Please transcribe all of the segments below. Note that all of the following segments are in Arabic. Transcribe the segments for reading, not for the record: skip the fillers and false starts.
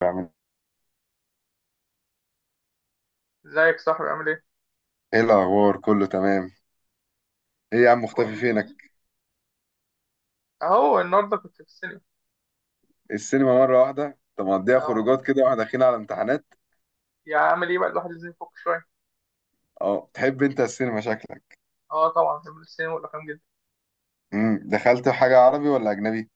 بعمل ازيك يا صاحبي، عامل ايه؟ ايه؟ الاخبار كله تمام. ايه يا عم، مختفي كويس يعني؟ فينك؟ اهو النهارده كنت في السينما. السينما مره واحده؟ طب مقضيها اه خروجات كده واحنا داخلين على امتحانات. يعني عامل ايه بقى؟ الواحد لازم يفك شويه. اه، تحب انت السينما شكلك. اه طبعا بحب السينما والافلام جدا. دخلت حاجه عربي ولا اجنبي؟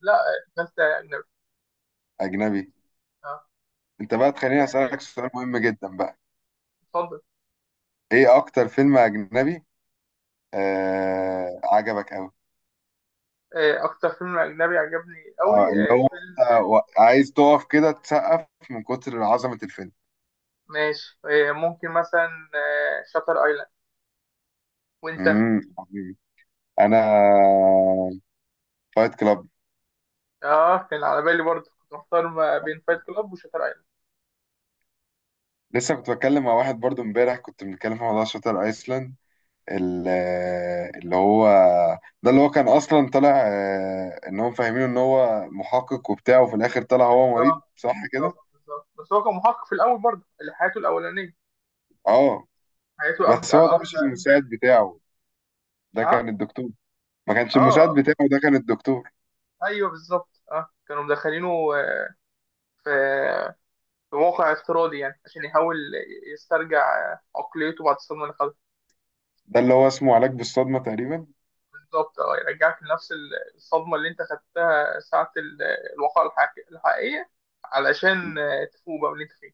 لا، فانت اجنبي. اجنبي. اه انت بقى تخليني يعني اسالك ايه؟ سؤال مهم جدا بقى. اتفضل. ايه اكتر فيلم اجنبي عجبك قوي؟ اكتر فيلم اجنبي عجبني قوي، اه، اللي هو فيلم. أنت عايز تقف كده تسقف من كتر عظمه الفيلم. ماشي، ممكن مثلا شاتر ايلاند. وانت؟ عظيم. انا فايت كلاب. اه كان على بالي برضه، كنت محتار ما بين فايت كلاب وشاتر ايلاند. لسه كنت بتكلم مع واحد برضو امبارح، كنت بنتكلم في موضوع شاتر ايسلاند. ال- اللي هو، ده اللي هو كان اصلا طالع ان هم فاهمينه ان هو محقق وبتاع، وفي الاخر طلع هو مريض، بالظبط، صح كده؟ بالظبط، بالظبط، بس هو كان محقق في الاول برضه، اللي حياته الاولانيه. اه، حياته بس هو ده مش قبل ما المساعد يقابل الصدمة. بتاعه، ده نعم. كان الدكتور. ما كانش اه المساعد اه. بتاعه، ده كان الدكتور. ايوه بالظبط، اه كانوا مدخلينه في في موقع افتراضي، يعني عشان يحاول يسترجع عقليته بعد الصدمه اللي خدها. ده اللي هو اسمه علاج بالصدمة تقريبا. بالظبط، اه يرجعك لنفس الصدمه اللي انت خدتها ساعه الواقعه الحقيقيه، علشان تفوق بقى من اللي انت فيه.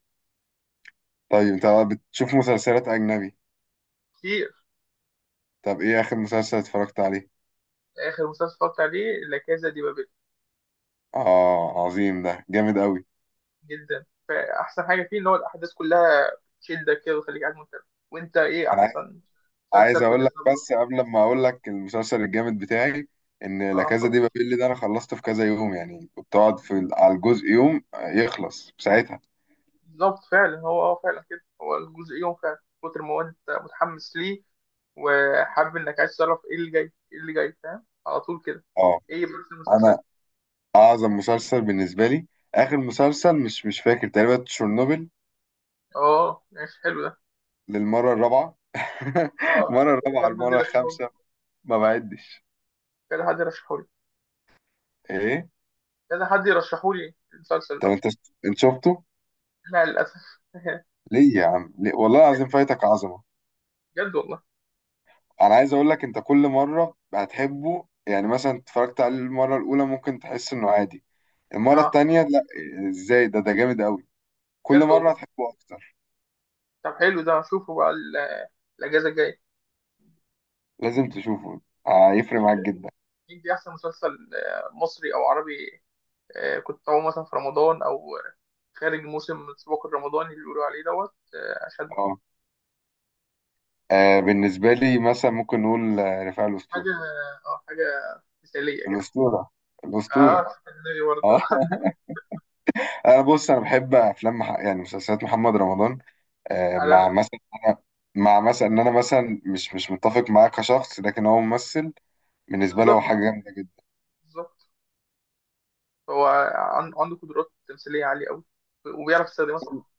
طيب انت بتشوف مسلسلات اجنبي؟ كتير. طب ايه اخر مسلسل اتفرجت عليه؟ اخر مسلسل اتفرجت عليه لا كازا دي بابل. اه عظيم، ده جامد قوي. جدا، فاحسن حاجه فيه ان هو الاحداث كلها تشدك كده وتخليك قاعد مهتم. وانت ايه احسن مسلسل عايز كنت اقول لك، بتتفرج؟ بس قبل ما اقول لك المسلسل الجامد بتاعي، ان لا اه كازا اتفضل. دي بابيل ده انا خلصته في كذا يوم، يعني كنت اقعد في على الجزء يوم يخلص في ساعتها. بالظبط فعلا، هو اه فعلا كده، هو الجزء يوم فعلا، كتر ما هو انت متحمس ليه وحابب انك عايز تعرف ايه اللي جاي ايه اللي جاي، فاهم على طول كده. اه، ايه بس انا المسلسل؟ اعظم مسلسل بالنسبه لي، اخر مسلسل، مش فاكر، تقريبا تشيرنوبل، اه ماشي حلو ده. للمره الرابعه. اه المره الرابعه، حد المره يرشحولي الخامسه. ما بعدش. كذا حد يرشحولي ايه. كذا حد يرشحولي المسلسل طب ده. انت، انت شفته؟ لا للاسف ليه يا عم ليه؟ والله العظيم فايتك عظمه. بجد والله. انا عايز اقول لك، انت كل مره هتحبه، يعني مثلا اتفرجت عليه المره الاولى ممكن تحس انه عادي، المره اه التانية لا، ازاي؟ ده جامد قوي. كل بجد مره والله. هتحبه اكتر. طب حلو ده، اشوفه بقى الاجازه الجايه. لازم تشوفه. هيفرق ايه معاك ده؟ جدا. إيه دي احسن مسلسل، مصري او عربي؟ كنت أقوم مثلا في رمضان أو خارج موسم السباق الرمضاني اللي بيقولوا عليه دوت، عشان اه، بالنسبه لي مثلا ممكن نقول، رفاعي، حاجة. الاسطوره، أه آه، حاجة مثالية كده. الاسطوره، أه الاسطوره. اسكندري برضه. اه. انا بص، انا بحب افلام يعني مسلسلات محمد رمضان، عالمي. مع مثلا، أنا... مع مثلا ان انا مثلا مش متفق معاه كشخص، لكن هو ممثل بالنسبه لي، هو بالظبط، حاجه جامده جدا. بالظبط. هو عنده قدرات تمثيلية عالية أوي، وبيعرف يستخدمها صح.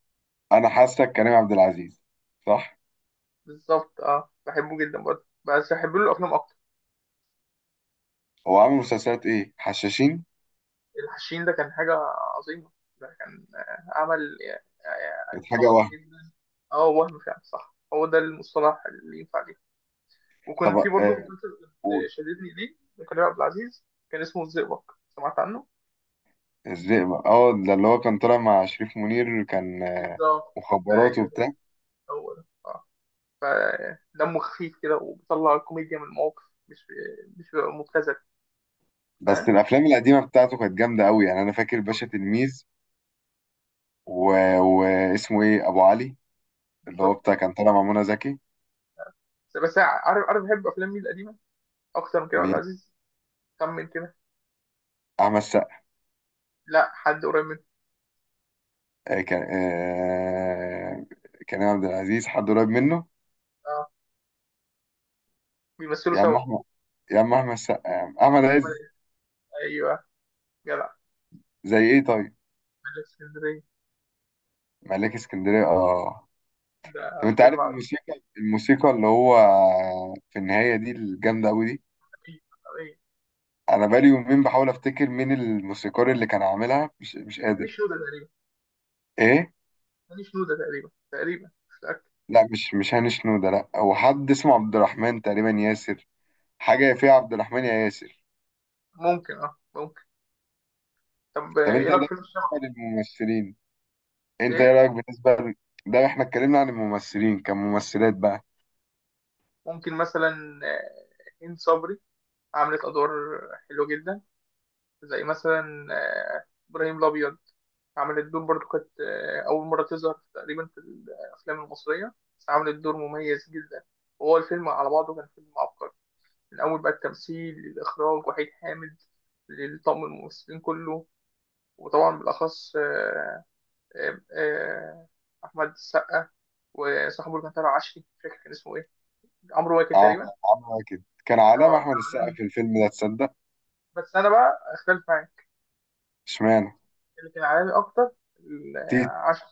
انا حاسك كريم عبد العزيز، صح؟ بالظبط أه، بحبه جدا برضه، بس بحب له الأفلام أكتر. هو عامل مسلسلات ايه؟ حشاشين. الحشين ده كان حاجة عظيمة، ده كان عمل كانت حاجه ضخم وهم. جدا. أه وهم فعلا صح، هو ده المصطلح اللي ينفع ليه. طب وكان في برضه مسلسل كنت قول. شددني ليه لكريم عبد العزيز، كان اسمه الزئبق. سمعت عنه؟ الزئبق، اه، ده اللي هو كان طالع مع شريف منير، كان بالظبط. مخابرات ايوه وبتاع. هو ده. اه فدمه خفيف كده، وبيطلع الكوميديا من المواقف، مش مش بيبقى مبتذل. بس فاهم؟ الافلام القديمه بتاعته كانت جامده قوي، يعني انا فاكر باشا تلميذ، و... واسمه ايه، ابو علي، اللي هو بالظبط. بتاع كان طالع مع منى زكي. بس عارف، عارف بحب افلام مين القديمه اكتر من كريم عبد مين؟ العزيز؟ كم من كده. احمد سقا. لا حد قريب منه. آه كان آه كريم عبد العزيز حد قريب منه. اه بيمثلوا يا عم سوا. احمد، يا عم احمد سقا، يا عم احمد عز. ايوه جدع. زي ايه طيب؟ ملك اسكندريه، ملاك اسكندرية، اه. ده طب انت فيلم عارف عظيم. الموسيقى، الموسيقى اللي هو في النهاية دي، الجامدة أوي دي، أنا بقالي يومين بحاول أفتكر مين الموسيقار اللي كان عاملها، مش ماليش قادر. نودة تقريبا. إيه؟ ماليش نودة تقريبا، تقريبا مش متأكد. لا، مش هاني شنودة، لا، هو حد اسمه عبد الرحمن تقريبا، ياسر، حاجة يا فيها عبد الرحمن يا ياسر. ممكن، اه ممكن. طب طب انت ايه رايك في ده، فيلم بالنسبة الشبح؟ للممثلين، انت ايه ايه رأيك بالنسبة ده احنا اتكلمنا عن الممثلين، كممثلات بقى. ممكن مثلا هند صبري، عملت ادوار حلوه جدا، زي مثلا ابراهيم الابيض. عملت دور برضو، كانت اول مره تظهر تقريبا في الافلام المصريه، بس عملت دور مميز جدا. وهو الفيلم على بعضه كان فيلم عبقري، من اول بقى التمثيل للاخراج وحيد حامد للطاقم الممثلين كله. وطبعا بالاخص آه، آه، احمد السقا، وصاحبه اللي كان طالع عشري، مش فاكر كان اسمه ايه، عمرو واكد اه، تقريبا. عاملة كده كان علامة اه أحمد عالمي. السقا في الفيلم ده، تصدق؟ بس انا بقى اختلف معاك، اشمعنى؟ اللي كان عالمي اكتر ال- عشان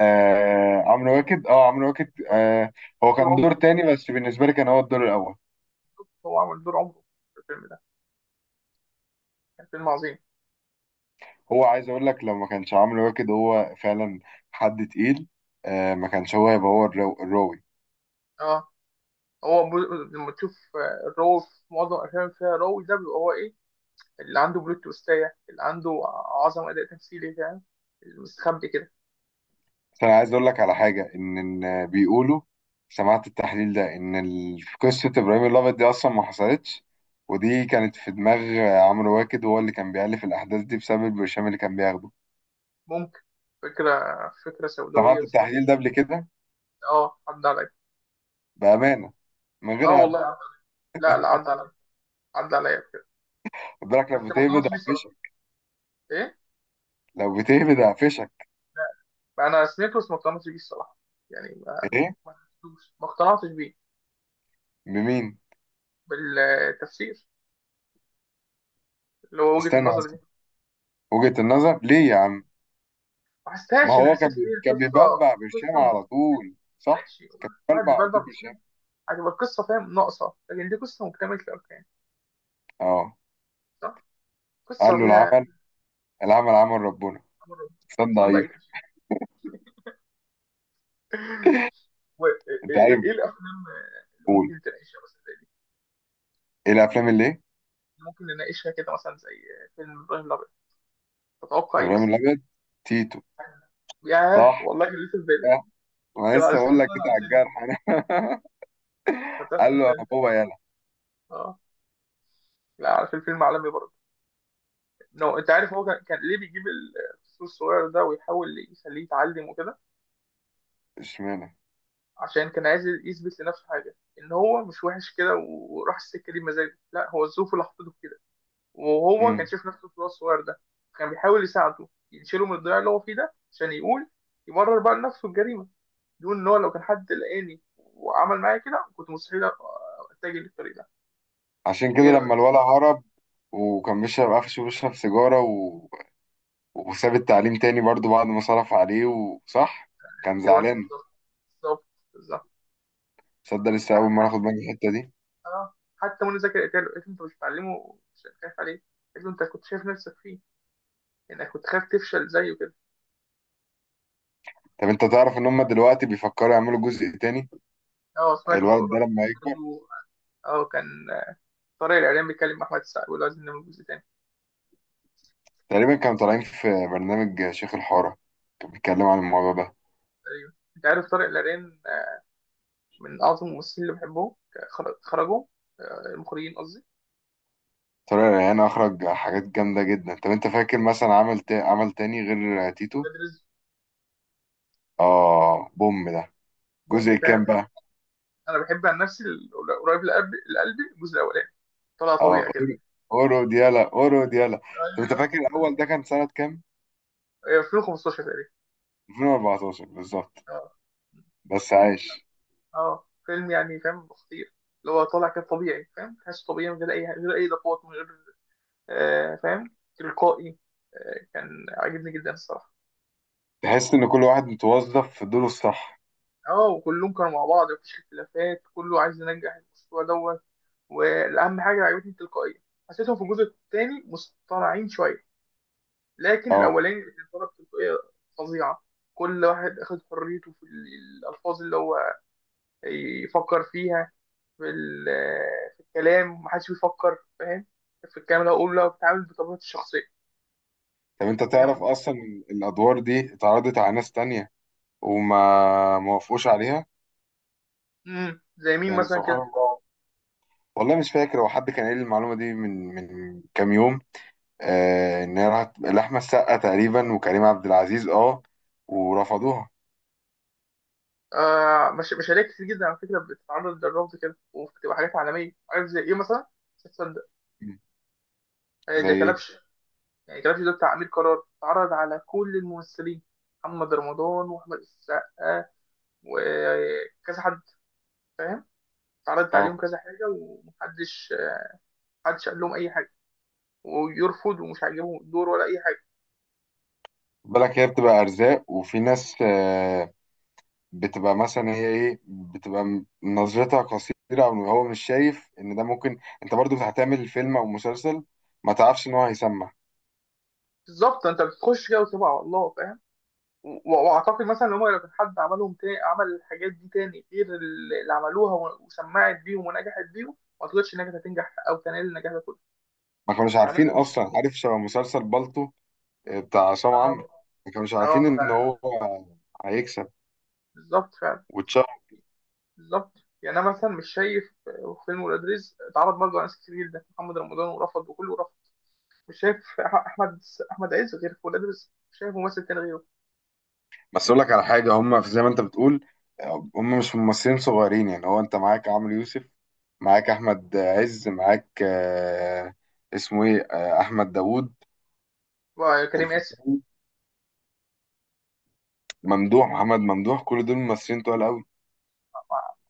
آه عمرو واكد، اه عمرو واكد آه. هو دور كان دور عمره، تاني، بس بالنسبه لي كان هو الدور الاول. هو عمل دور عمره في الفيلم ده، كان فيلم عظيم. هو عايز اقول لك، لو ما كانش عمرو واكد هو فعلا حد تقيل، آه ما كانش هو هيبقى هو الراوي. اه هو لما تشوف الرو في معظم الافلام اللي فيها رو، ده بيبقى هو ايه؟ اللي عنده بلوت تويستاية، اللي عنده عظمه اداء تمثيلي فاهم، المستخبي كده. بس انا عايز اقول لك على حاجه، ان، إن بيقولوا، سمعت التحليل ده، ان في قصه ابراهيم الابيض دي اصلا ما حصلتش، ودي كانت في دماغ عمرو واكد، وهو اللي كان بيألف الاحداث دي بسبب البرشام اللي كان بياخده. ممكن، فكره فكره سوداويه سمعت بس ممكن. التحليل ده قبل كده؟ اه عدى عليا. بامانه، من اه غير والله هبد. عدى. لا لا عدى عليا، عدى عليا بكده. خد بالك بس لما ما تهبد. كانش بيصرف. ايه. لو بتهبد هقفشك. انا سنيكرس ما اقتنعتش بيه الصراحه. يعني ما ايه. ما حسيتوش، ما اقتنعتش بيه. بمين؟ بالتفسير اللي هو وجهه استنى النظر بس، دي. وجهة النظر ليه يا عم؟ ما ما حسيتهاش، انا هو حسيت كان ان هي كان قصه. بيبلبع برشام قصه م- على طول، صح، ماشي، كان واحد بيبلبع على طول بيبلبل مش برشام. مهم. هتبقى القصه فاهم ناقصه، لكن دي قصه مكتمله الاركان. اه، صح، قصه قال له فيها العمل، العمل عمل ربنا. أمر. استنى. الانسان ضعيف. ضعيف. ايه؟ انت إيه عارف. إيه الافلام اللي ممكن تناقشها مثلا زي دي؟ ايه الافلام اللي ايه؟ ممكن نناقشها كده مثلا زي فيلم ابراهيم الابيض؟ تتوقع ايه ابراهيم مثلا؟ الابيض، تيتو، يعني- ياه صح، والله كان لسه في بالي. آه، ما كده على لسه سنه بقول لك كده على على الجرح سنه، انا. فاهم قال له عشان. انا بابا يالا. اه لا عارف الفيلم عالمي برضه. نو انت عارف، هو كان كان ليه بيجيب الفصل الصغير ده ويحاول يخليه يتعلم وكده؟ اشمعنى؟ عشان كان عايز يثبت لنفسه حاجه ان هو مش وحش كده، وراح السكه دي بمزاجه، لا هو الظروف اللي حطته في كده. وهو كان امم شايف نفسه في الواد الصغير ده، كان بيحاول يساعده يشيله من الضياع اللي هو فيه ده، عشان يقول يبرر بقى لنفسه الجريمه، يقول ان هو لو كان حد لقاني وعمل معايا كده كنت مستحيل اتجه للطريق ده. عشان كده ايه لما رايك؟ الولد هرب وكان بيشرب، قفشه بيشرب سيجاره وساب التعليم تاني برضو بعد ما صرف عليه، وصح كان ايوه زعلان. بالظبط، بالظبط، بالظبط. صدق، لسه أول مرة أخد بالي من الحتة دي. اه حتى منى زكي قالت له، قالت له انت مش بتعلمه؟ مش خايف عليه؟ قالت له انت كنت شايف نفسك فيه، انك كنت خايف تفشل زيه كده. طب أنت تعرف إن هما دلوقتي بيفكروا يعملوا جزء تاني؟ اه سمعت الولد الموضوع ده ده لما يكبر. برضه. اه كان طارق العريان بيتكلم مع احمد السقا، بيقول له عايزين نعمل جزء تاني. تقريبا كانوا طالعين في برنامج شيخ الحارة، كان بيتكلم عن الموضوع ده. ايوه انت عارف طارق العريان، من اعظم الممثلين اللي بحبهم، خرجوا، المخرجين قصدي. طارق ريان أخرج حاجات جامدة جدا. طب أنت فاكر مثلا عمل عمل تاني غير تيتو؟ ولاد رزق. آه بوم ده. بوم جزء وبتاع. كام بقى؟ انا بحب عن نفسي قريب لقلبي، لقلبي الجزء الاولاني، طلع آه طبيعي كده. أورو، أورو ديالا، أورو ديالا. طب أنت ايوه. فاكر الأول ده كان سنة كام؟ ايوه 2015 تقريبا. 2014 بالظبط. اه بس عايش. اه فيلم يعني فاهم خطير، اللي هو طالع كده طبيعي فاهم، تحسه طبيعي من غير اي، من غير اي اضافات، من غير فاهم، تلقائي. كان عاجبني جدا الصراحه. تحس ان كل واحد متوظف في دوره الصح. اه وكلهم كانوا مع بعض مفيش اختلافات، كله عايز ينجح المشروع دوت. والاهم حاجه اللي عجبتني التلقائيه. حسيتهم في الجزء الثاني مصطنعين شويه، لكن اه. الاولاني اللي طلب تلقائيه فظيعه. كل واحد اخد حريته في الالفاظ اللي هو يفكر فيها، في، في الكلام، ومحدش بيفكر فاهم في الكلام اللي هقوله، بتعامل بطبيعتي الشخصية. طب انت فاهم. تعرف اصلا إن الادوار دي اتعرضت على ناس تانية وما ما وافقوش عليها؟ زي مين يعني مثلا سبحان كده؟ الله. والله مش فاكر، هو حد كان قايل لي المعلومه دي من كام يوم، آه ان هي راحت لاحمد السقا تقريبا وكريم عبد العزيز، اه، ورفضوها. آه مش مشاريع كتير جدا على فكرة بتتعرض للرفض كده، وبتبقى حاجات عالمية، عارف زي ايه مثلا؟ مش هتصدق. مم. زي زي ايه؟ كلبش. يعني كلبش ده بتاع أمير قرار اتعرض على كل الممثلين، محمد رمضان وأحمد السقا وكذا حد فاهم، اتعرضت عليهم اه كذا حاجة ومحدش، محدش قال لهم أي حاجة ويرفض، ومش عاجبهم الدور ولا أي حاجة. بالك، هي بتبقى ارزاق، وفي ناس آه بتبقى مثلا، هي ايه، بتبقى نظرتها قصيرة، او هو مش شايف ان ده ممكن انت برضو هتعمل فيلم او مسلسل ما تعرفش ان هو هيسمع. بالظبط انت بتخش كده وتبقى على الله فاهم. واعتقد مثلا ان هم لو كان حد عملهم تاني، عمل الحاجات دي تاني غير اللي عملوها، وسمعت بيهم ونجحت بيهم، ما اعتقدش انها كانت هتنجح او تنال النجاح ده كله. ما كانوش يعني عارفين انا مش. اصلا. عارف شبه مسلسل بالطو، بتاع عصام اه عمرو؟ ما كانوش عارفين آه، ان هو هيكسب بالظبط فعلا. واتشهر. بالظبط. يعني انا مثلا مش شايف فيلم ولاد رزق اتعرض برضه على ناس كتير جدا، محمد رمضان ورفض، وكله رفض. مش شايف احمد، احمد عز غير في ولاد رزق، مش شايف ممثل تاني غيره. بس اقول لك على حاجة، هم في زي ما انت بتقول، هم مش ممثلين صغيرين، يعني هو انت معاك عمرو يوسف، معاك احمد عز، معاك اسمه ايه، احمد داوود، كريم قاسم. الفيشاوي، ممدوح محمد، ممدوح. كل دول ممثلين تقال قوي.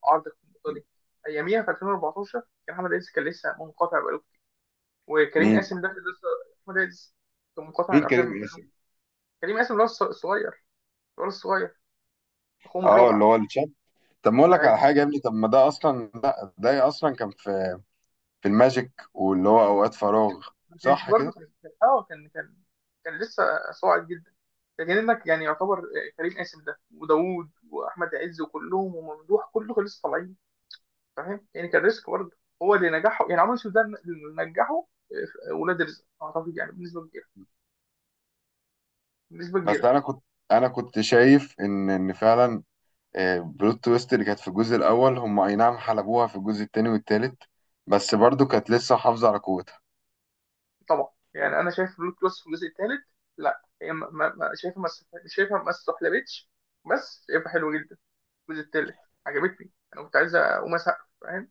عرض اقتصادي. اياميها في 2014 كان احمد عز كان لسه منقطع بقاله. وكريم مين؟ قاسم ده كان لسه. احمد عز كان منقطع عن مين كريم الافلام. قاسم؟ كريم قاسم ده الصغير، الولد الصغير، اخوهم اه، اللي الرابع. هو الشاب. طب ما اقول لك اي، على حاجه يا ابني، طب ما ده اصلا، ده اصلا كان في، في الماجيك، واللي هو اوقات فراغ، ما كانش صح برضه، كده. كان لسه صاعد جدا. لكن انك يعني يعتبر كريم قاسم ده، وداوود، واحمد عز، وكلهم، وممدوح، كله كان لسه طالعين، فاهم يعني، كان ريسك برضه. هو اللي نجحه يعني عمرو يوسف ده اللي نجحه ولاد رزق، اعتقد، يعني بنسبه كبيره، بنسبه بس كبيره. انا كنت، انا كنت شايف ان فعلا، بلوت تويست اللي كانت في الجزء الاول، هم اي نعم حلبوها في الجزء التاني والتالت، بس برضو كانت لسه حافظه على قوتها. طبعا يعني انا شايف رود كروس في الجزء الثالث، لا هي شايفها ما است- شايفها ما استحلبتش. بس شايفها حلوه جدا الجزء الثالث، عجبتني. انا كنت عايز اقوم اسقف فاهم،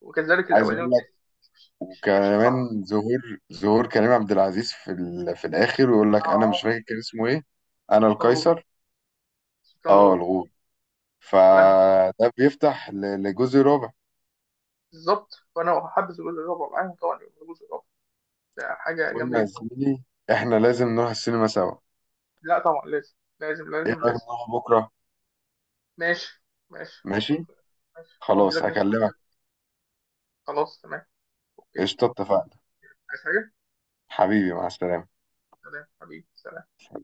وكذلك عايز الاولاني اقول لك، والتاني. مش ماشيين صح. وكمان ظهور، ظهور كريم عبد العزيز في في الاخر، ويقول اه لك انا مش آه. فاكر كان اسمه ايه، انا سلطان الغول، القيصر، سلطان اه، الغول. الغول. أحلام. فده بيفتح لجزء رابع. بالظبط، فانا حابب الجزء الرابع معاهم طبعا، يبقى الجزء الرابع ده حاجه جامده قلنا يا جدا. زميلي احنا لازم نروح السينما سوا. لا طبعا لازم لازم ايه لازم رأيك لازم. نروح بكرة؟ ماشي، ماشي. ماشي. ماشي فضي خلاص لك نفسك. هكلمك. خلاص تمام. اوكي. قشطة، اتفقنا. عايز حاجه؟ حبيبي، مع السلامة. سلام حبيبي، سلام.